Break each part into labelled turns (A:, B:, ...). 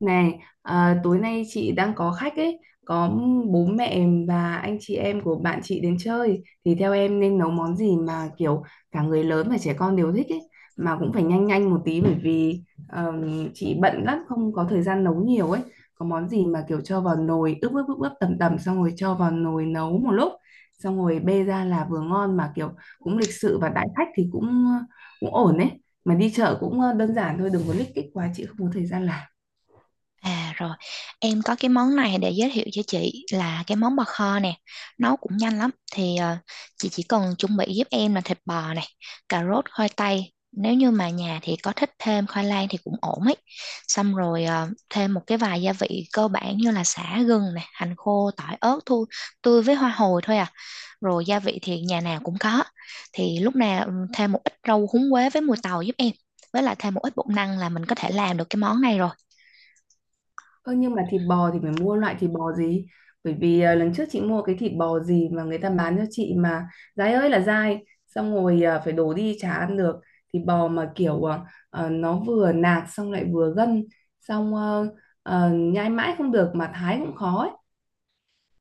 A: Này, à, tối nay chị đang có khách ấy, có bố mẹ và anh chị em của bạn chị đến chơi thì theo em nên nấu món gì mà kiểu cả người lớn và trẻ con đều thích ấy, mà cũng phải nhanh nhanh một tí bởi vì chị bận lắm, không có thời gian nấu nhiều ấy. Có món gì mà kiểu cho vào nồi ướp ướp ướp ướp tầm tầm xong rồi cho vào nồi nấu một lúc, xong rồi bê ra là vừa ngon mà kiểu cũng lịch sự và đãi khách thì cũng cũng ổn ấy. Mà đi chợ cũng đơn giản thôi, đừng có lích kích quá, chị không có thời gian làm.
B: À rồi, em có cái món này để giới thiệu cho chị là cái món bò kho nè, nấu cũng nhanh lắm. Thì chị chỉ cần chuẩn bị giúp em là thịt bò này, cà rốt, khoai tây. Nếu như mà nhà thì có thích thêm khoai lang thì cũng ổn ấy. Xong rồi thêm một cái vài gia vị cơ bản như là sả gừng này, hành khô, tỏi ớt thôi, tươi với hoa hồi thôi à. Rồi gia vị thì nhà nào cũng có. Thì lúc nào thêm một ít rau húng quế với mùi tàu giúp em. Với lại thêm một ít bột năng là mình có thể làm được cái món này rồi.
A: Ơ nhưng mà thịt bò thì phải mua loại thịt bò gì? Bởi vì lần trước chị mua cái thịt bò gì mà người ta bán cho chị mà dai ơi là dai, xong rồi phải đổ đi chả ăn được. Thịt bò mà kiểu nó vừa nạc xong lại vừa gân, xong nhai mãi không được mà thái cũng khó ấy.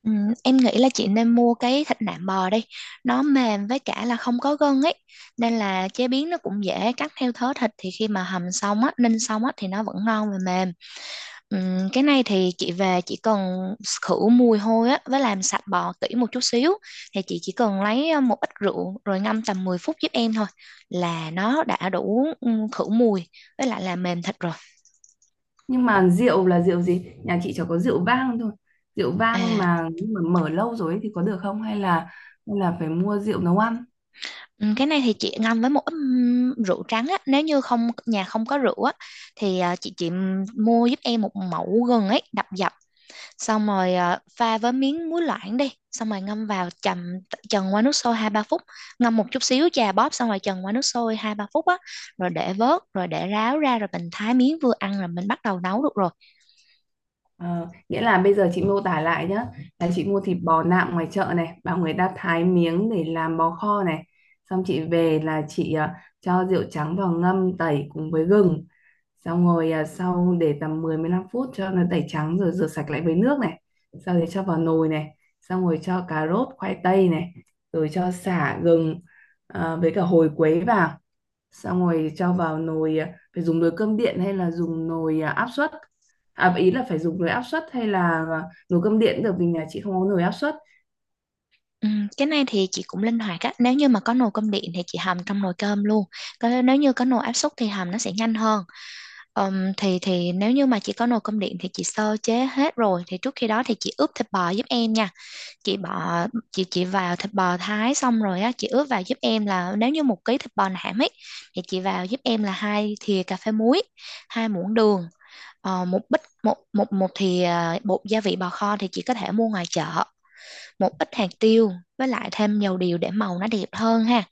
B: Ừ, em nghĩ là chị nên mua cái thịt nạm bò đi, nó mềm với cả là không có gân ấy, nên là chế biến nó cũng dễ, cắt theo thớ thịt thì khi mà hầm xong á, ninh xong á thì nó vẫn ngon và mềm. Cái này thì chị về chỉ cần khử mùi hôi á với làm sạch bò kỹ một chút xíu, thì chị chỉ cần lấy một ít rượu rồi ngâm tầm 10 phút giúp em thôi là nó đã đủ khử mùi với lại là mềm thịt rồi.
A: Nhưng mà rượu là rượu gì? Nhà chị chỉ có rượu vang thôi. Rượu vang
B: À.
A: mà mở lâu rồi ấy thì có được không? Hay là phải mua rượu nấu ăn?
B: Ừ, cái này thì chị ngâm với một ít rượu trắng á, nếu như không nhà không có rượu á thì chị mua giúp em một mẩu gừng ấy, đập dập xong rồi pha với miếng muối loãng đi, xong rồi ngâm vào chần qua nước sôi 2-3 phút, ngâm một chút xíu chà bóp xong rồi chần qua nước sôi hai ba phút á, rồi để vớt rồi để ráo ra rồi mình thái miếng vừa ăn rồi mình bắt đầu nấu được rồi.
A: Ờ, nghĩa là bây giờ chị mô tả lại nhé, là chị mua thịt bò nạm ngoài chợ này, bảo người ta thái miếng để làm bò kho này, xong chị về là chị cho rượu trắng vào ngâm tẩy cùng với gừng, xong rồi sau để tầm mười đến mười 15 phút cho nó tẩy trắng rồi rửa sạch lại với nước này, sau đấy cho vào nồi này, xong rồi cho cà rốt khoai tây này, rồi cho sả gừng với cả hồi quế vào, xong rồi cho vào nồi phải dùng nồi cơm điện hay là dùng nồi áp suất, à ý là phải dùng nồi áp suất hay là nồi cơm điện được vì nhà chị không có nồi áp suất.
B: Cái này thì chị cũng linh hoạt á, nếu như mà có nồi cơm điện thì chị hầm trong nồi cơm luôn. Còn nếu như có nồi áp suất thì hầm nó sẽ nhanh hơn. Thì nếu như mà chị có nồi cơm điện thì chị sơ chế hết rồi thì trước khi đó thì chị ướp thịt bò giúp em nha. Chị bỏ chị chị vào thịt bò thái xong rồi á, chị ướp vào giúp em là nếu như 1 ký thịt bò nạm ấy thì chị vào giúp em là 2 thìa cà phê muối, 2 muỗng đường, ờ, một bít một một một thìa bột gia vị bò kho thì chị có thể mua ngoài chợ, một ít hạt tiêu, với lại thêm dầu điều để màu nó đẹp hơn ha,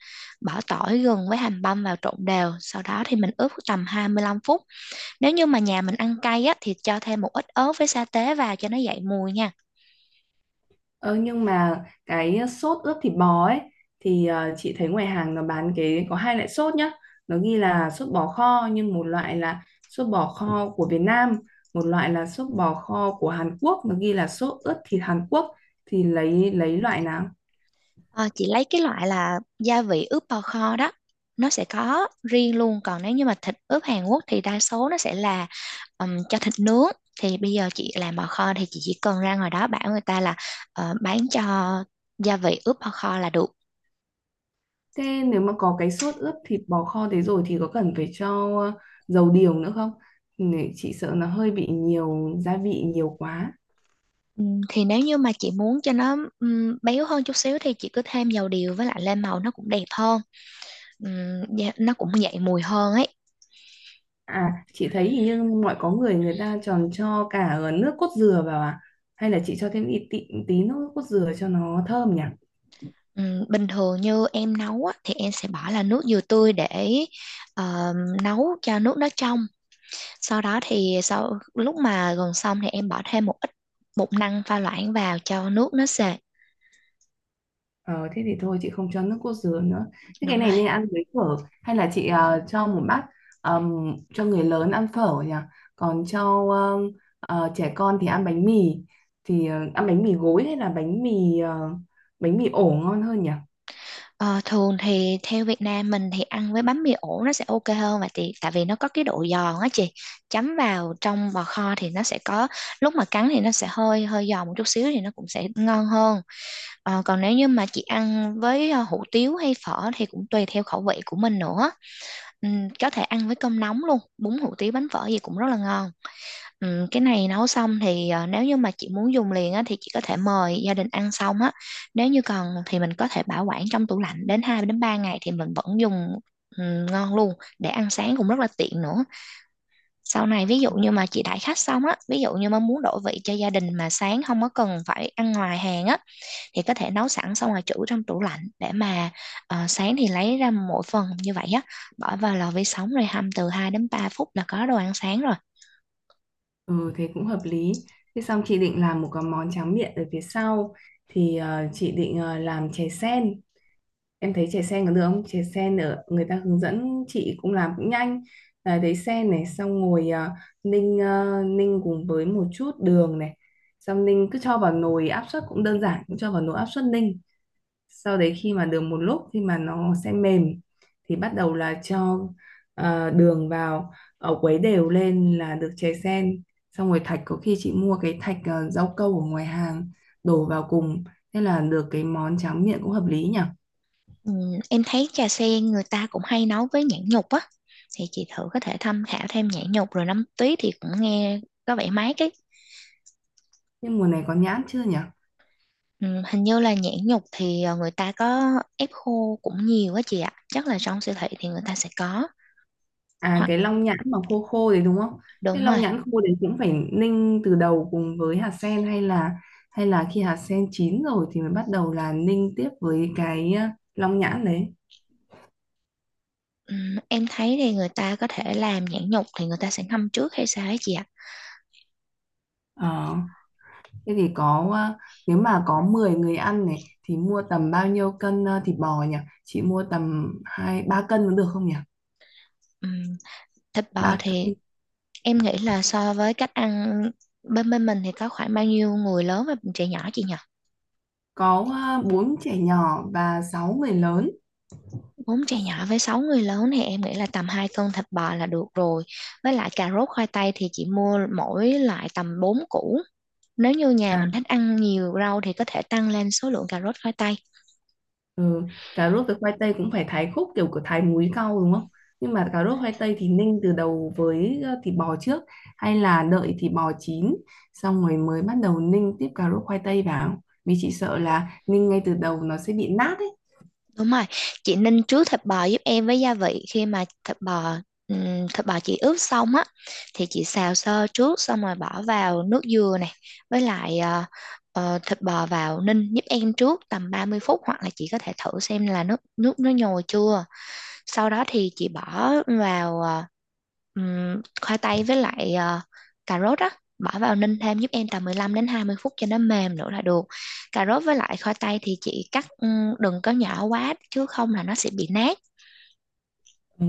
B: bỏ tỏi gừng với hành băm vào trộn đều, sau đó thì mình ướp tầm 25 phút. Nếu như mà nhà mình ăn cay á, thì cho thêm một ít ớt với sa tế vào cho nó dậy mùi nha.
A: Ờ, nhưng mà cái sốt ướp thịt bò ấy thì chị thấy ngoài hàng nó bán cái có hai loại sốt nhá, nó ghi là sốt bò kho nhưng một loại là sốt bò kho của Việt Nam, một loại là sốt bò kho của Hàn Quốc, nó ghi là sốt ướp thịt Hàn Quốc, thì lấy loại nào?
B: Ờ, chị lấy cái loại là gia vị ướp bò kho đó. Nó sẽ có riêng luôn. Còn nếu như mà thịt ướp Hàn Quốc thì đa số nó sẽ là cho thịt nướng. Thì bây giờ chị làm bò kho thì chị chỉ cần ra ngoài đó bảo người ta là bán cho gia vị ướp bò kho là được.
A: Thế nếu mà có cái sốt ướp thịt bò kho thế rồi thì có cần phải cho ờ, dầu điều nữa không? Nè, chị sợ nó hơi bị nhiều gia vị nhiều quá.
B: Thì nếu như mà chị muốn cho nó béo hơn chút xíu thì chị cứ thêm dầu điều, với lại lên màu nó cũng đẹp hơn. Dạ, nó cũng dậy mùi hơn ấy.
A: À, chị thấy hình như mọi có người người ta tròn cho cả nước cốt dừa vào à? Hay là chị cho thêm ít tí, tí nước cốt dừa cho nó thơm nhỉ?
B: Bình thường như em nấu á, thì em sẽ bỏ là nước dừa tươi để ờ, nấu cho nước nó trong. Sau đó thì sau lúc mà gần xong thì em bỏ thêm một ít bột năng pha loãng vào cho nước nó sệt.
A: Ờ, thế thì thôi chị không cho nước cốt dứa nữa. Thế cái
B: Đúng
A: này
B: rồi.
A: nên ăn với phở hay là chị cho một bát cho người lớn ăn phở nhỉ? Còn cho trẻ con thì ăn bánh mì, thì ăn bánh mì gối hay là bánh mì bánh mì ổ ngon hơn nhỉ?
B: Ờ, thường thì theo Việt Nam mình thì ăn với bánh mì ổ nó sẽ ok hơn, và thì tại vì nó có cái độ giòn á chị. Chấm vào trong bò kho thì nó sẽ có lúc mà cắn thì nó sẽ hơi hơi giòn một chút xíu thì nó cũng sẽ ngon hơn. Ờ, còn nếu như mà chị ăn với hủ tiếu hay phở thì cũng tùy theo khẩu vị của mình nữa. Có thể ăn với cơm nóng luôn, bún hủ tiếu bánh phở gì cũng rất là ngon. Cái này nấu xong thì nếu như mà chị muốn dùng liền á, thì chị có thể mời gia đình ăn xong á. Nếu như cần thì mình có thể bảo quản trong tủ lạnh đến 2 đến 3 ngày thì mình vẫn dùng ngon luôn, để ăn sáng cũng rất là tiện nữa. Sau này ví dụ như mà chị đãi khách xong á, ví dụ như mà muốn đổi vị cho gia đình mà sáng không có cần phải ăn ngoài hàng á, thì có thể nấu sẵn xong rồi trữ trong tủ lạnh để mà sáng thì lấy ra mỗi phần như vậy á, bỏ vào lò vi sóng rồi hâm từ 2 đến 3 phút là có đồ ăn sáng rồi.
A: Ừ thế cũng hợp lý. Thế xong chị định làm một cái món tráng miệng ở phía sau thì chị định làm chè sen. Em thấy chè sen có được không, chè sen ở người ta hướng dẫn chị cũng làm cũng nhanh, à, đấy sen này xong ngồi ninh ninh cùng với một chút đường này, xong ninh cứ cho vào nồi áp suất cũng đơn giản, cũng cho vào nồi áp suất ninh, sau đấy khi mà được một lúc khi mà nó sẽ mềm thì bắt đầu là cho đường vào, ở quấy đều lên là được chè sen, xong rồi thạch có khi chị mua cái thạch rau câu ở ngoài hàng đổ vào cùng, thế là được cái món tráng miệng cũng hợp lý nhỉ.
B: Ừm, em thấy trà sen người ta cũng hay nấu với nhãn nhục á, thì chị thử có thể tham khảo thêm nhãn nhục rồi nấm tuyết thì cũng nghe có vẻ mát ấy.
A: Nhưng mùa này có nhãn chưa nhỉ?
B: Hình như là nhãn nhục thì người ta có ép khô cũng nhiều á chị ạ, chắc là trong siêu thị thì người ta sẽ có.
A: À cái
B: Hoặc
A: long nhãn mà khô khô đấy đúng không? Thế
B: đúng
A: long
B: rồi.
A: nhãn khô đấy cũng phải ninh từ đầu cùng với hạt sen hay là khi hạt sen chín rồi thì mới bắt đầu là ninh tiếp với cái long nhãn đấy.
B: Em thấy thì người ta có thể làm nhãn nhục thì người ta sẽ ngâm trước hay sao ấy chị ạ.
A: Ờ, thế thì có nếu mà có 10 người ăn này thì mua tầm bao nhiêu cân thịt bò nhỉ? Chị mua tầm hai ba cân cũng được không nhỉ?
B: Ừm, Thịt bò
A: Ba cân,
B: thì em nghĩ là so với cách ăn bên bên mình thì có khoảng bao nhiêu người lớn và trẻ nhỏ chị nhỉ?
A: có bốn trẻ nhỏ và sáu người lớn.
B: 4 trẻ nhỏ với 6 người lớn thì em nghĩ là tầm 2 cân thịt bò là được rồi. Với lại cà rốt khoai tây thì chị mua mỗi loại tầm 4 củ. Nếu như nhà
A: À,
B: mình thích ăn nhiều rau thì có thể tăng lên số lượng cà rốt khoai tây.
A: ừ, cà rốt với khoai tây cũng phải thái khúc kiểu của thái múi cau đúng không? Nhưng mà cà rốt khoai tây thì ninh từ đầu với thịt bò trước hay là đợi thịt bò chín xong rồi mới bắt đầu ninh tiếp cà rốt khoai tây vào. Vì chị sợ là ninh ngay từ đầu nó sẽ bị nát ấy.
B: Đúng rồi, chị ninh trước thịt bò giúp em với gia vị, khi mà thịt bò chị ướp xong á thì chị xào sơ trước xong rồi bỏ vào nước dừa này, với lại thịt bò vào ninh giúp em trước tầm 30 phút, hoặc là chị có thể thử xem là nước nước nó nhồi chưa. Sau đó thì chị bỏ vào khoai tây với lại cà rốt á, bỏ vào ninh thêm giúp em tầm 15 đến 20 phút cho nó mềm nữa là được. Cà rốt với lại khoai tây thì chị cắt đừng có nhỏ quá chứ không là nó sẽ bị nát.
A: Ừ.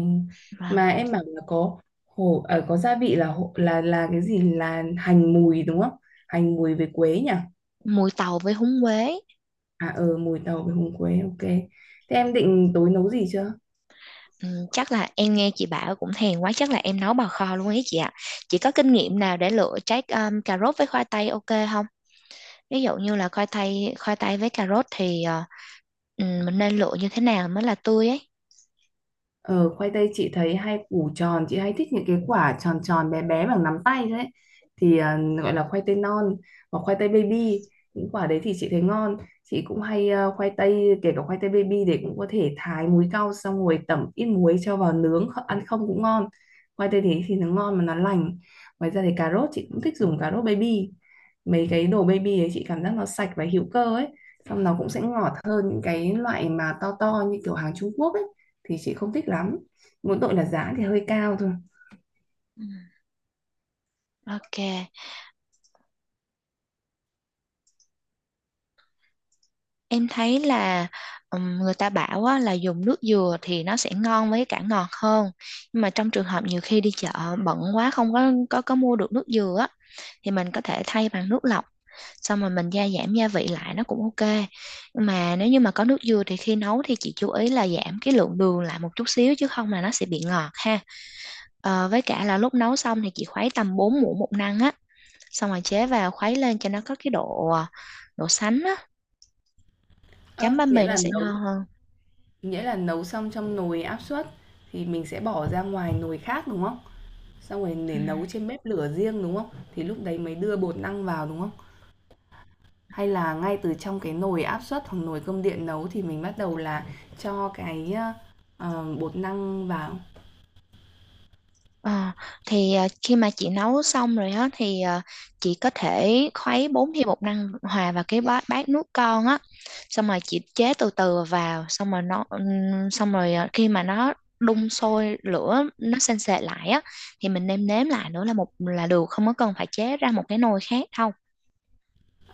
B: Và
A: Mà em bảo là có hồ ở có gia vị là là cái gì là hành mùi đúng không? Hành mùi với quế nhỉ?
B: mùi tàu với húng quế.
A: À ờ mùi tàu với húng quế ok. Thế em định tối nấu gì chưa?
B: Chắc là em nghe chị bảo cũng thèm quá, chắc là em nấu bào kho luôn ấy chị ạ. Chị có kinh nghiệm nào để lựa trái cà rốt với khoai tây ok không? Ví dụ như là khoai tây với cà rốt thì mình nên lựa như thế nào mới là tươi ấy.
A: Ờ, khoai tây chị thấy hay củ tròn, chị hay thích những cái quả tròn tròn bé bé bằng nắm tay đấy thì gọi là khoai tây non hoặc khoai tây baby, những quả đấy thì chị thấy ngon. Chị cũng hay khoai tây kể cả khoai tây baby để cũng có thể thái muối cao xong rồi tẩm ít muối cho vào nướng ăn không cũng ngon, khoai tây thì nó ngon mà nó lành. Ngoài ra thì cà rốt chị cũng thích dùng cà rốt baby, mấy cái đồ baby ấy chị cảm giác nó sạch và hữu cơ ấy, xong nó cũng sẽ ngọt hơn những cái loại mà to to như kiểu hàng Trung Quốc ấy thì chị không thích lắm, mỗi tội là giá thì hơi cao thôi.
B: Ừ. Ok, em thấy là người ta bảo á, là dùng nước dừa thì nó sẽ ngon với cả ngọt hơn. Nhưng mà trong trường hợp nhiều khi đi chợ bận quá không có mua được nước dừa á, thì mình có thể thay bằng nước lọc. Xong rồi mình gia giảm gia vị lại nó cũng ok. Nhưng mà nếu như mà có nước dừa thì khi nấu thì chị chú ý là giảm cái lượng đường lại một chút xíu chứ không là nó sẽ bị ngọt ha. Ờ, với cả là lúc nấu xong thì chị khuấy tầm 4 muỗng bột năng á, xong rồi chế vào khuấy lên cho nó có cái độ sánh á,
A: Ơ,
B: chấm bánh
A: nghĩa
B: mì nó
A: là
B: sẽ
A: nấu
B: ngon hơn.
A: Nghĩa là nấu xong trong nồi áp suất thì mình sẽ bỏ ra ngoài nồi khác đúng không? Xong rồi
B: Ừ.
A: để nấu trên bếp lửa riêng đúng không? Thì lúc đấy mới đưa bột năng vào đúng không? Hay là ngay từ trong cái nồi áp suất hoặc nồi cơm điện nấu thì mình bắt đầu là cho cái bột năng vào.
B: Ờ, thì khi mà chị nấu xong rồi á thì chị có thể khuấy 4 thìa bột năng hòa vào cái bát nước con á, xong rồi chị chế từ từ vào, xong rồi nó xong rồi khi mà nó đun sôi lửa nó sền sệt lại á thì mình nêm nếm lại nữa là một là được, không có cần phải chế ra một cái nồi khác đâu.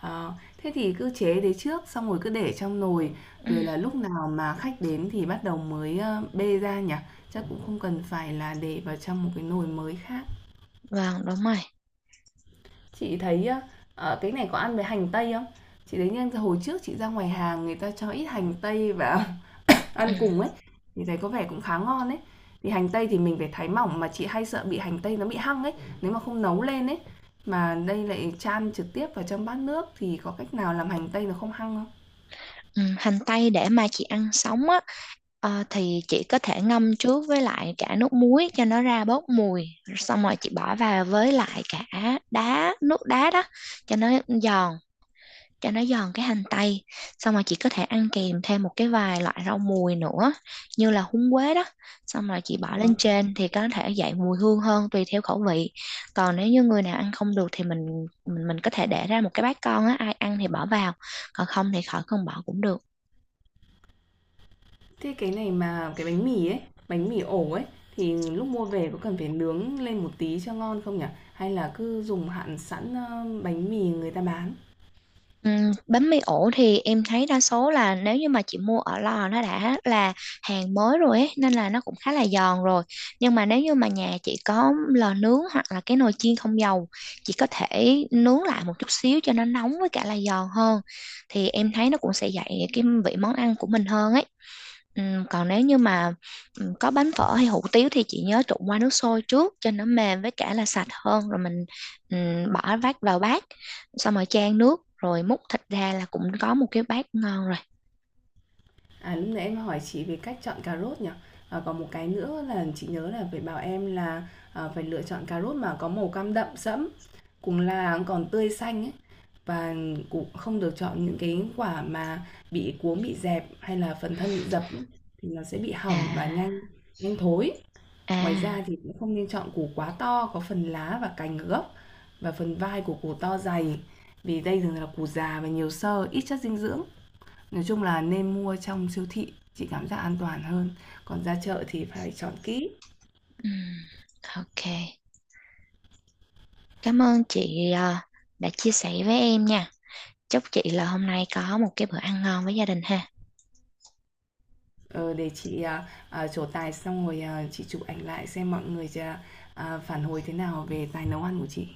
A: Ờ, thế thì cứ chế đấy trước, xong rồi cứ để trong nồi, rồi là lúc nào mà khách đến thì bắt đầu mới, bê ra nhỉ? Chắc cũng không cần phải là để vào trong một cái nồi mới khác.
B: Vâng, đúng rồi.
A: Chị thấy á, cái này có ăn với hành tây không? Chị thấy nhân hồi trước chị ra ngoài hàng người ta cho ít hành tây và
B: Ừ.
A: ăn cùng ấy, thì thấy có vẻ cũng khá ngon ấy. Thì hành tây thì mình phải thái mỏng, mà chị hay sợ bị hành tây nó bị hăng ấy, nếu mà không nấu lên ấy, mà đây lại chan trực tiếp vào trong bát nước thì có cách nào làm hành tây nó không hăng không?
B: Ừ. Hành tây để mà chị ăn sống á, thì chị có thể ngâm trước với lại cả nước muối cho nó ra bớt mùi. Xong rồi chị bỏ vào với lại cả đá, nước đá đó cho nó giòn. Cho nó giòn cái hành tây, xong rồi chị có thể ăn kèm thêm một cái vài loại rau mùi nữa như là húng quế đó, xong rồi chị
A: Ờ.
B: bỏ lên trên thì có thể dậy mùi hương hơn tùy theo khẩu vị. Còn nếu như người nào ăn không được thì mình có thể để ra một cái bát con á, ai ăn thì bỏ vào, còn không thì khỏi cần bỏ cũng được.
A: Thế cái này mà cái bánh mì ấy, bánh mì ổ ấy thì lúc mua về có cần phải nướng lên một tí cho ngon không nhỉ? Hay là cứ dùng hạn sẵn, bánh mì người ta bán?
B: Bánh mì ổ thì em thấy đa số là nếu như mà chị mua ở lò nó đã là hàng mới rồi ấy, nên là nó cũng khá là giòn rồi. Nhưng mà nếu như mà nhà chị có lò nướng hoặc là cái nồi chiên không dầu, chị có thể nướng lại một chút xíu cho nó nóng với cả là giòn hơn. Thì em thấy nó cũng sẽ dậy cái vị món ăn của mình hơn ấy. Còn nếu như mà có bánh phở hay hủ tiếu thì chị nhớ trụng qua nước sôi trước cho nó mềm với cả là sạch hơn, rồi mình bỏ vắt vào bát, xong rồi chan nước rồi múc thịt ra là cũng có một cái bát ngon rồi.
A: À, lúc nãy em hỏi chị về cách chọn cà rốt nhỉ? Ờ, còn một cái nữa là chị nhớ là phải bảo em là, phải lựa chọn cà rốt mà có màu cam đậm sẫm, cùng là còn tươi xanh ấy, và cũng không được chọn những cái quả mà bị cuống, bị dẹp hay là phần thân bị dập ấy, thì nó sẽ bị hỏng và
B: à
A: nhanh nhanh thối. Ngoài
B: à
A: ra thì cũng không nên chọn củ quá to, có phần lá và cành ở gốc và phần vai của củ to dày, vì đây thường là củ già và nhiều xơ, ít chất dinh dưỡng. Nói chung là nên mua trong siêu thị, chị cảm giác an toàn hơn, còn ra chợ thì phải chọn kỹ,
B: ừm, ok, cảm ơn chị đã chia sẻ với em nha, chúc chị là hôm nay có một cái bữa ăn ngon với gia đình ha.
A: ờ, để chị, trổ tài xong rồi, à, chị chụp ảnh lại xem mọi người phản hồi thế nào về tài nấu ăn của chị.